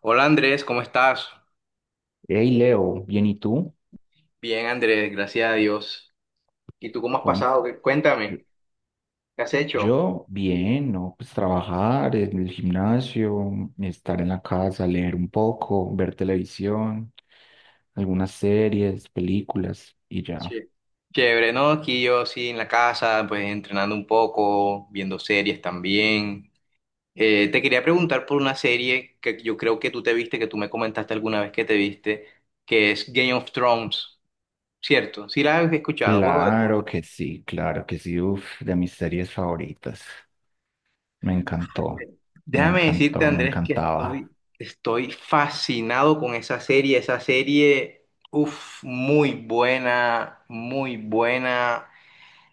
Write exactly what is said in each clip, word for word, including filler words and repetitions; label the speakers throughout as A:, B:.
A: Hola Andrés, ¿cómo estás?
B: Hey Leo, bien, ¿y tú?
A: Bien Andrés, gracias a Dios. ¿Y tú cómo has
B: Cuen-
A: pasado? ¿Qué-
B: Yo,
A: Cuéntame, ¿qué has hecho?
B: yo, bien, ¿no? Pues trabajar en el gimnasio, estar en la casa, leer un poco, ver televisión, algunas series, películas y ya.
A: Sí. Chévere, ¿no? Aquí yo sí en la casa, pues entrenando un poco, viendo series también. Eh, te quería preguntar por una serie que yo creo que tú te viste, que tú me comentaste alguna vez que te viste, que es Game of Thrones, ¿cierto? Sí, la has escuchado, Juego de
B: Claro
A: Tronos.
B: que sí, claro que sí, uf, de mis series favoritas. Me encantó, me
A: Déjame decirte,
B: encantó, me
A: Andrés, que estoy,
B: encantaba.
A: estoy fascinado con esa serie. Esa serie, uff, muy buena, muy buena.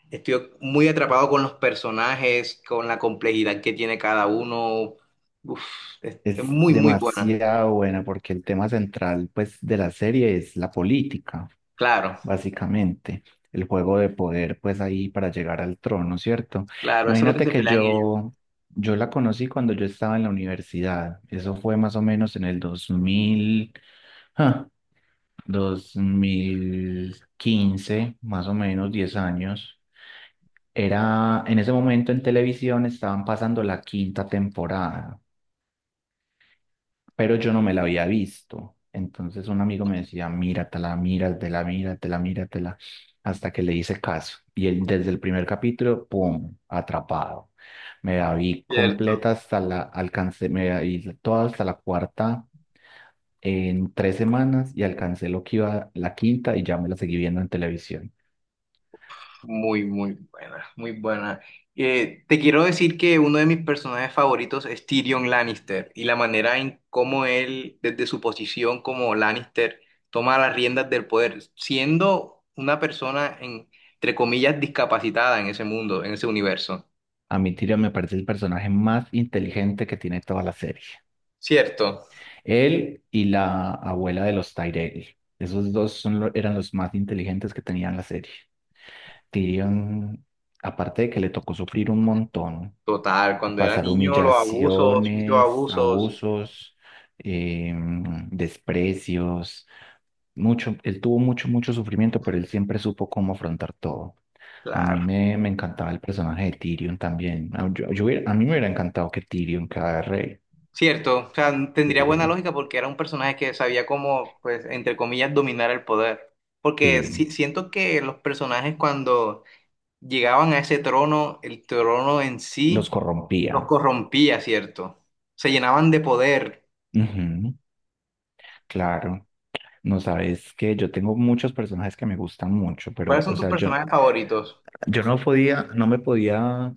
A: Estoy muy atrapado con los personajes, con la complejidad que tiene cada uno. Uf, es, es
B: Es
A: muy, muy buena.
B: demasiado buena porque el tema central, pues, de la serie es la política,
A: Claro,
B: básicamente. El juego de poder, pues ahí para llegar al trono, ¿cierto?
A: claro, eso es lo que
B: Imagínate
A: se
B: que
A: pelean ellos,
B: yo, yo la conocí cuando yo estaba en la universidad. Eso fue más o menos en el 2000, ah, dos mil quince, más o menos diez años. Era, en ese momento en televisión estaban pasando la quinta temporada, pero yo no me la había visto. Entonces un amigo me decía, míratela, míratela, míratela, míratela, hasta que le hice caso. Y él, desde el primer capítulo, ¡pum!, atrapado. Me la vi
A: ¿cierto?
B: completa hasta la, alcancé, me la vi toda hasta la cuarta en tres semanas y alcancé lo que iba la quinta y ya me la seguí viendo en televisión.
A: Muy, muy buena, muy buena. Eh, te quiero decir que uno de mis personajes favoritos es Tyrion Lannister y la manera en cómo él, desde su posición como Lannister, toma las riendas del poder, siendo una persona, en- entre comillas, discapacitada en ese mundo, en ese universo.
B: A mi Tyrion me parece el personaje más inteligente que tiene toda la serie.
A: ¿Cierto?
B: Él y la abuela de los Tyrell. Esos dos son lo- eran los más inteligentes que tenían la serie. Tyrion, aparte de que le tocó sufrir un montón,
A: Total,
B: eh,
A: cuando era
B: pasar
A: niño, los abusos, muchos
B: humillaciones,
A: abusos,
B: abusos, em, desprecios, mucho, él tuvo mucho, mucho sufrimiento, pero él siempre supo cómo afrontar todo. A mí
A: claro.
B: me, me encantaba el personaje de Tyrion también. A, yo- yo hubiera- a mí me hubiera encantado que Tyrion, cada rey.
A: Cierto, o sea, tendría buena
B: eh,
A: lógica porque era un personaje que sabía cómo, pues, entre comillas, dominar el poder. Porque
B: sí,
A: si- siento que los personajes cuando llegaban a ese trono, el trono en
B: los
A: sí los
B: corrompía.
A: corrompía, ¿cierto? Se llenaban de poder.
B: Ujú, claro. No sabes que yo tengo muchos personajes que me gustan mucho,
A: ¿Cuáles
B: pero, o
A: son tus
B: sea, yo,
A: personajes favoritos?
B: yo no podía, no me podía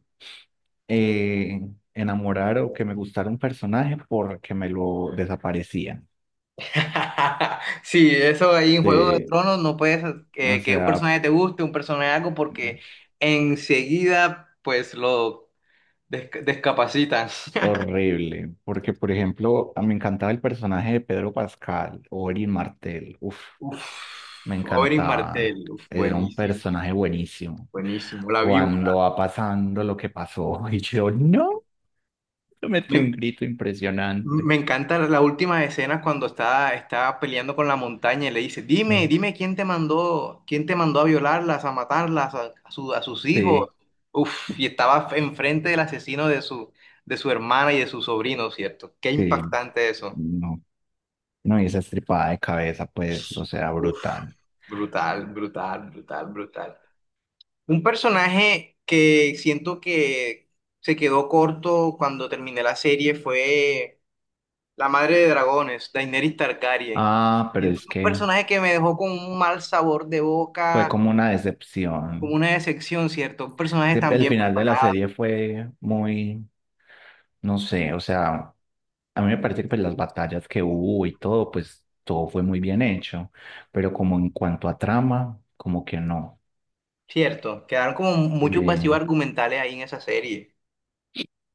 B: eh, enamorar o que me gustara un personaje porque me lo desaparecían.
A: Sí, eso ahí en Juego de
B: De,
A: Tronos no puedes
B: o
A: eh, que un
B: sea,
A: personaje te guste, un personaje algo, porque enseguida, pues, lo desca- descapacitan.
B: horrible. Porque, por ejemplo, a- me encantaba el personaje de Pedro Pascal o Erin Martel. Uf. Me
A: Uf, Oberyn
B: encantaba.
A: Martell, uf,
B: Era un
A: buenísimo,
B: personaje buenísimo.
A: buenísimo. La víbora.
B: Cuando va pasando lo que pasó, y yo, no, yo metí un
A: Me,
B: grito impresionante.
A: me encanta la última escena cuando está, está peleando con la montaña y le dice, dime,
B: Mm.
A: dime quién te mandó, quién te mandó a violarlas, a matarlas, a, a su- a sus hijos.
B: Sí,
A: Uf, y estaba enfrente del asesino de su, de su hermana y de su sobrino, ¿cierto? Qué
B: sí,
A: impactante eso.
B: no, no, y esa estripada de cabeza, pues, o sea,
A: Uf,
B: brutal.
A: brutal, brutal, brutal, brutal. Un personaje que siento que se quedó corto cuando terminé la serie fue la madre de dragones, Daenerys Targaryen.
B: Ah, pero
A: Siento
B: es
A: que un
B: que
A: personaje que me dejó con un mal sabor de
B: fue
A: boca,
B: como una
A: como
B: decepción.
A: una decepción, ¿cierto? Un personaje tan
B: El
A: bien
B: final de la
A: preparado,
B: serie fue muy, no sé, o sea, a mí me parece que pues, las batallas que hubo y todo, pues todo fue muy bien hecho, pero como en cuanto a trama, como que no.
A: ¿cierto? Quedaron como muchos vacíos
B: Eh,
A: argumentales ahí en esa serie.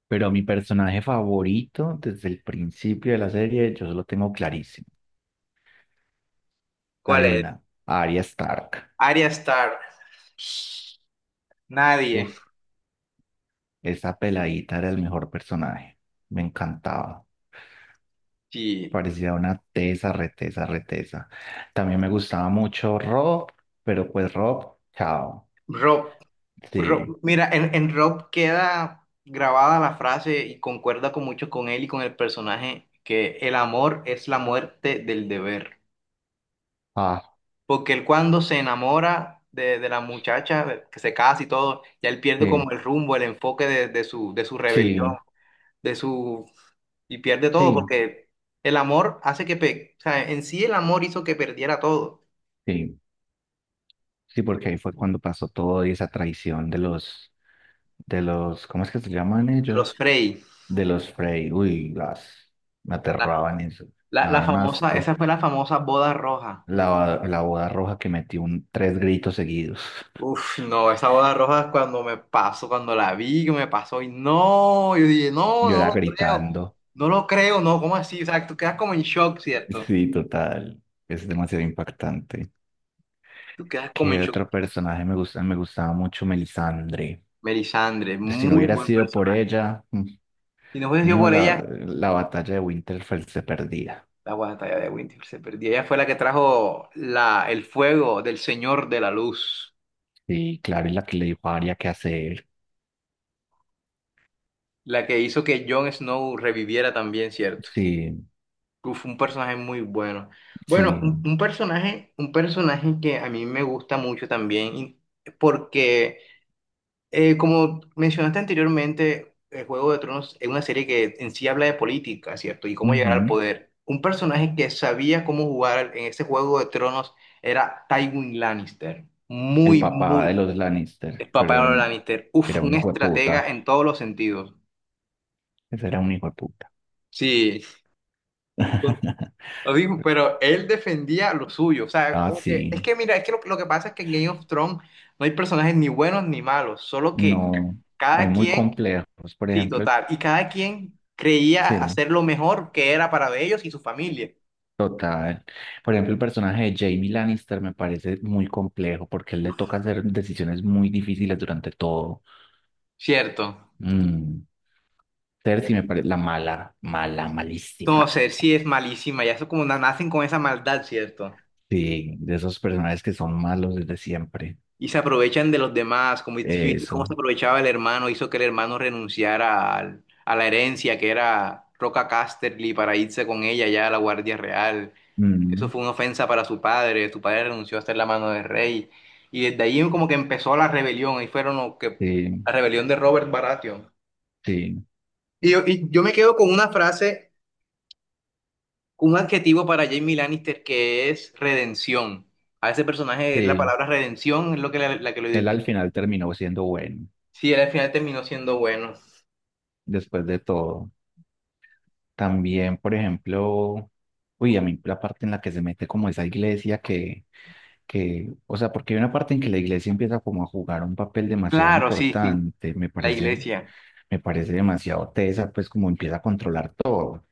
B: pero mi personaje favorito desde el principio de la serie, yo lo tengo clarísimo.
A: ¿Cuál es?
B: Adivina, Arya Stark.
A: Arya Stark. Nadie.
B: Uf, esa peladita era el mejor personaje. Me encantaba.
A: Sí.
B: Parecía una tesa, retesa, retesa. También me gustaba mucho Rob, pero pues Rob, chao.
A: Rob.
B: Sí.
A: Rob- mira, en, en Rob queda grabada la frase y concuerda con mucho con él y con el personaje que el amor es la muerte del deber. Porque él cuando se enamora de, de la muchacha, que se casa y todo, ya él pierde como
B: Sí,
A: el rumbo, el enfoque de, de su, de su rebelión,
B: sí,
A: de su... y pierde todo
B: sí,
A: porque el amor hace que... pe- o sea, en sí el amor hizo que perdiera todo.
B: sí, sí, porque ahí fue cuando pasó todo y esa traición de los, de los, ¿cómo es que se llaman
A: De
B: ellos?
A: los Frey.
B: De los Frey, uy, las, me
A: La,
B: aterraban eso, me
A: la, la
B: daban un
A: famosa,
B: asco.
A: Esa fue la famosa boda roja.
B: La, la boda roja que metí un, tres gritos seguidos,
A: Uf, no, esa boda roja cuando me pasó, cuando la vi, que me pasó y no, yo dije, no,
B: yo
A: no
B: era
A: lo creo,
B: gritando,
A: no lo creo, no, ¿cómo así? O sea, tú quedas como en shock, ¿cierto?
B: sí, total, es demasiado impactante.
A: Tú quedas como en
B: ¿Qué
A: shock.
B: otro personaje me gusta? Me gustaba mucho Melisandre.
A: Melisandre,
B: Si no
A: muy
B: hubiera
A: buen
B: sido por
A: personaje.
B: ella, mm,
A: Si no hubiese sido
B: mijo,
A: por
B: la,
A: ella,
B: la batalla de Winterfell se perdía.
A: la batalla de Winter se perdió. Ella fue la que trajo la, el fuego del Señor de la Luz,
B: Sí, claro, es la que le dijo a Arya qué hacer.
A: la que hizo que Jon Snow reviviera también, ¿cierto?
B: Sí,
A: Uf, un personaje muy bueno. Bueno,
B: sí.
A: un, un personaje, un personaje que a mí me gusta mucho también, y- porque eh, como mencionaste anteriormente, el Juego de Tronos es una serie que en sí habla de política, ¿cierto? Y cómo llegar al
B: Ujú.
A: poder. Un personaje que sabía cómo jugar en ese Juego de Tronos era Tywin Lannister.
B: El
A: Muy,
B: papá de
A: muy
B: los Lannister,
A: El papá
B: pero
A: de
B: era
A: los
B: un,
A: Lannister. Uf,
B: era un
A: un
B: hijo de
A: estratega
B: puta.
A: en todos los sentidos.
B: Ese era un hijo de puta.
A: Sí. Lo dijo, pero él defendía lo suyo. O sea,
B: Ah,
A: como que- es
B: sí.
A: que mira, es que lo, lo que pasa es que en Game of Thrones no hay personajes ni buenos ni malos, solo que ca-
B: No, hay
A: cada
B: muy
A: quien,
B: complejos. Por
A: sí,
B: ejemplo,
A: total, y cada quien creía
B: sí.
A: hacer lo mejor que era para ellos y su familia.
B: Total. Por ejemplo, el personaje de Jaime Lannister me parece muy complejo porque él le toca hacer decisiones muy difíciles durante todo.
A: Cierto.
B: Mm. Cersei me parece la mala, mala, malísima.
A: Entonces, sí es malísima, ya eso como na- nacen con esa maldad, ¿cierto?
B: Sí, de esos personajes que son malos desde siempre.
A: Y se aprovechan de los demás, como dijiste, cómo
B: Eso.
A: se aprovechaba el hermano, hizo que el hermano renunciara al- a la herencia que era Roca Casterly para irse con ella ya a la Guardia Real. Eso
B: Mm.
A: fue una ofensa para su padre, su padre renunció a estar en la mano del rey. Y desde ahí como que empezó la rebelión, ahí fueron los que,
B: Sí,
A: la rebelión de Robert Baratheon.
B: sí,
A: Y yo, y yo me quedo con una frase, con un adjetivo para Jaime Lannister que es redención. A ese personaje es la
B: sí.
A: palabra redención, es lo que la, la que lo
B: Él al
A: identifica.
B: final terminó siendo bueno,
A: Sí, él al final terminó siendo bueno.
B: después de todo. También, por ejemplo, uy, a mí la parte en la que se mete como esa iglesia que que, o sea, porque hay una parte en que la iglesia empieza como a jugar un papel demasiado
A: Claro, sí, sí,
B: importante, me
A: la
B: parece,
A: iglesia.
B: me parece demasiado tesa, pues como empieza a controlar todo.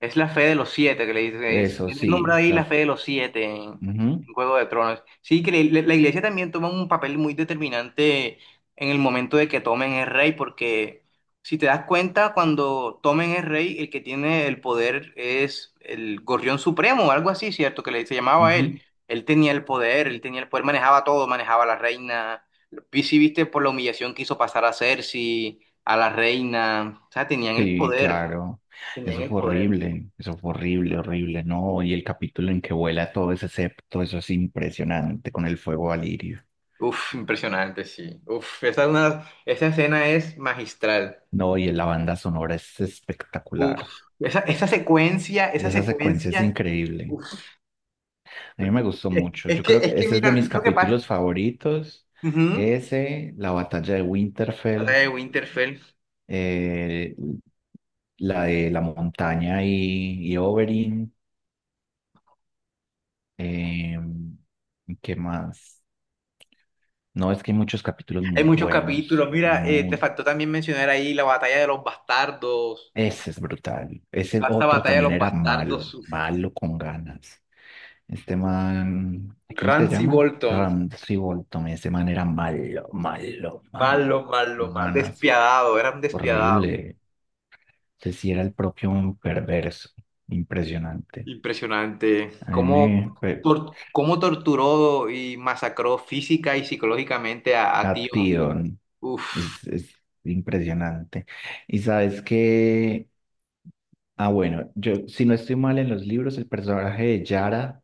A: Es la fe de los siete que le dice. es-
B: Eso
A: Tiene el nombre
B: sí,
A: ahí la
B: las,
A: fe de los siete en,
B: ujú,
A: en Juego de Tronos. Sí, que le- la iglesia también toma un papel muy determinante en el momento de que tomen es rey, porque si te das cuenta, cuando tomen es rey, el que tiene el poder es el Gorrión Supremo o algo así, ¿cierto? Que le, se llamaba él.
B: ujú,
A: Él tenía el poder, él tenía el poder, manejaba todo, manejaba a la reina. Vi si viste por la humillación que hizo pasar a Cersei, a la reina. O sea, tenían el
B: sí,
A: poder,
B: claro,
A: tenían
B: eso
A: el
B: fue
A: poder.
B: horrible, eso fue horrible, horrible, ¿no? Y el capítulo en que vuela todo ese septo, eso es impresionante con el fuego valirio,
A: Uf, impresionante, sí. Uf, esa, una, esa escena es magistral.
B: ¿no? Y la banda sonora es
A: Uf,
B: espectacular,
A: esa, esa secuencia, esa
B: esa secuencia es
A: secuencia.
B: increíble.
A: Uf,
B: A mí me gustó
A: es,
B: mucho.
A: es
B: Yo
A: que,
B: creo
A: es
B: que
A: que
B: ese es de
A: mira,
B: mis
A: es lo que
B: capítulos
A: pasa.
B: favoritos.
A: Ujú.
B: Ese, la batalla de
A: Batalla
B: Winterfell,
A: de Winterfell.
B: eh, la de la montaña y, y Oberyn. eh, ¿Qué más? No, es que hay muchos capítulos
A: Hay
B: muy
A: muchos
B: buenos.
A: capítulos. Mira, eh, te
B: muy-
A: faltó también mencionar ahí la batalla de los bastardos.
B: Ese es brutal. Ese
A: Esta
B: otro
A: batalla de
B: también
A: los
B: era malo,
A: bastardos. Uf.
B: malo con ganas. Este man, ¿cómo es que se
A: Ramsay
B: llama?
A: Bolton.
B: Ramsay Bolton. Ese man era malo, malo,
A: Malo,
B: malo con
A: malo, malo.
B: ganas.
A: Despiadado, era un despiadado.
B: Horrible. Ese sí era el propio un perverso. Impresionante.
A: Impresionante.
B: A mí
A: ¿Cómo,
B: me... pe-
A: tor- cómo torturó y masacró física y psicológicamente a,
B: A
A: a Tío?
B: ti, Don.
A: Uf.
B: Es, es impresionante. Y sabes que. Ah, bueno, yo, si no estoy mal en los libros, el personaje de Yara,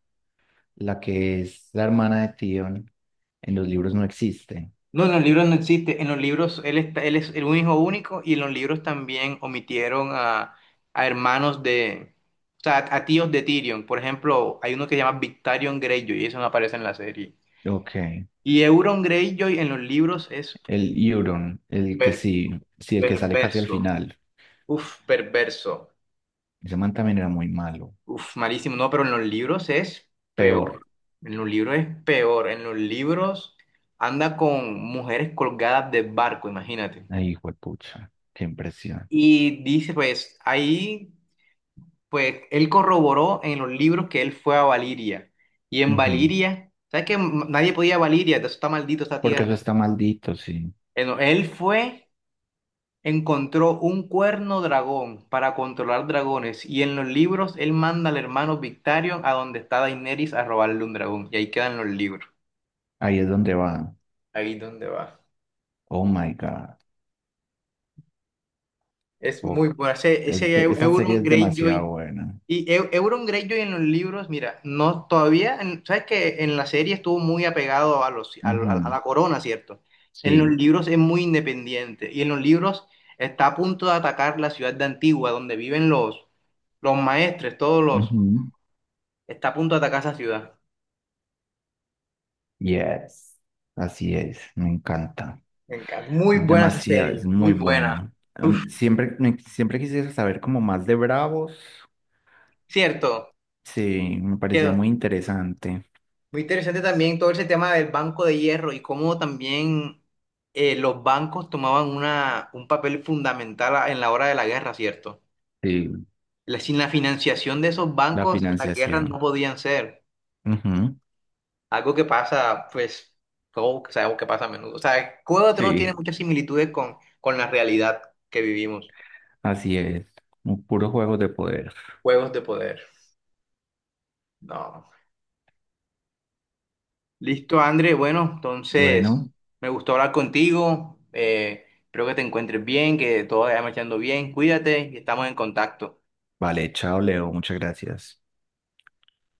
B: la que es la hermana de Tion, en los libros no existe.
A: No, en los libros no existe. En los libros él, está, él es el hijo único y en los libros también omitieron a, a hermanos de... O sea, a tíos de Tyrion. Por ejemplo, hay uno que se llama Victarion Greyjoy y eso no aparece en la serie.
B: Ok.
A: Y Euron Greyjoy en los libros es
B: El Euron, el que
A: per-
B: sí, sí, el que sale casi al
A: perverso.
B: final.
A: Uf, perverso.
B: Ese man también era muy malo.
A: Uf, malísimo, no, pero en los libros es peor.
B: Peor.
A: En los libros es peor. En los libros anda con mujeres colgadas de barco, imagínate.
B: Ay, hijo de pucha. Qué impresión.
A: Y dice, pues, ahí, pues, él corroboró en los libros que él fue a Valiria. Y en
B: Ujú.
A: Valiria, ¿sabes que m- nadie podía ir a Valiria? Eso está maldito esta
B: Porque
A: tierra.
B: eso está maldito, sí.
A: Eh, no, él fue encontró un cuerno dragón para controlar dragones y en los libros él manda al hermano Victarion a donde está Daenerys a robarle un dragón y ahí quedan los libros.
B: Ahí es donde va.
A: Ahí donde va.
B: Oh my God.
A: Es muy
B: Fuck.
A: bueno. Ese, ese
B: Es-
A: Eu-
B: esa
A: Euron
B: serie es demasiado
A: Greyjoy.
B: buena.
A: Y Eu- Euron Greyjoy en los libros, mira, no todavía, en- sabes que en la serie estuvo muy apegado a los a, a- a
B: Ujú,
A: la corona, ¿cierto? En los
B: sí.
A: libros es muy independiente y en los libros está a punto de atacar la ciudad de Antigua, donde viven los los maestres, todos los
B: Ujú,
A: Está a punto de atacar esa ciudad.
B: yes. Así es. Me encanta.
A: Me encanta. Muy
B: Es
A: buena esa
B: demasiado,
A: serie,
B: es
A: muy
B: muy
A: buena.
B: buena.
A: Uf,
B: Em, siempre, me- siempre quisiera saber como más de Bravos.
A: cierto,
B: Sí, me parecía
A: quedó.
B: muy interesante.
A: Muy interesante también todo ese tema del Banco de Hierro y cómo también eh, los bancos tomaban una, un papel fundamental a- en la hora de la guerra, ¿cierto?
B: Sí,
A: La- sin la financiación de esos
B: la
A: bancos, las guerras no
B: financiación.
A: podían ser.
B: Ujú,
A: Algo que pasa, pues, todo que sabemos que pasa a menudo. O sea, Juego de Tronos tiene
B: sí,
A: muchas similitudes con, con la realidad que vivimos.
B: así es. Un puro juego de poder.
A: Juegos de poder. No. Listo, André. Bueno, entonces
B: Bueno,
A: me gustó hablar contigo. Eh, espero que te encuentres bien, que todo vaya marchando bien. Cuídate y estamos en contacto.
B: vale, chao, Leo. Muchas gracias.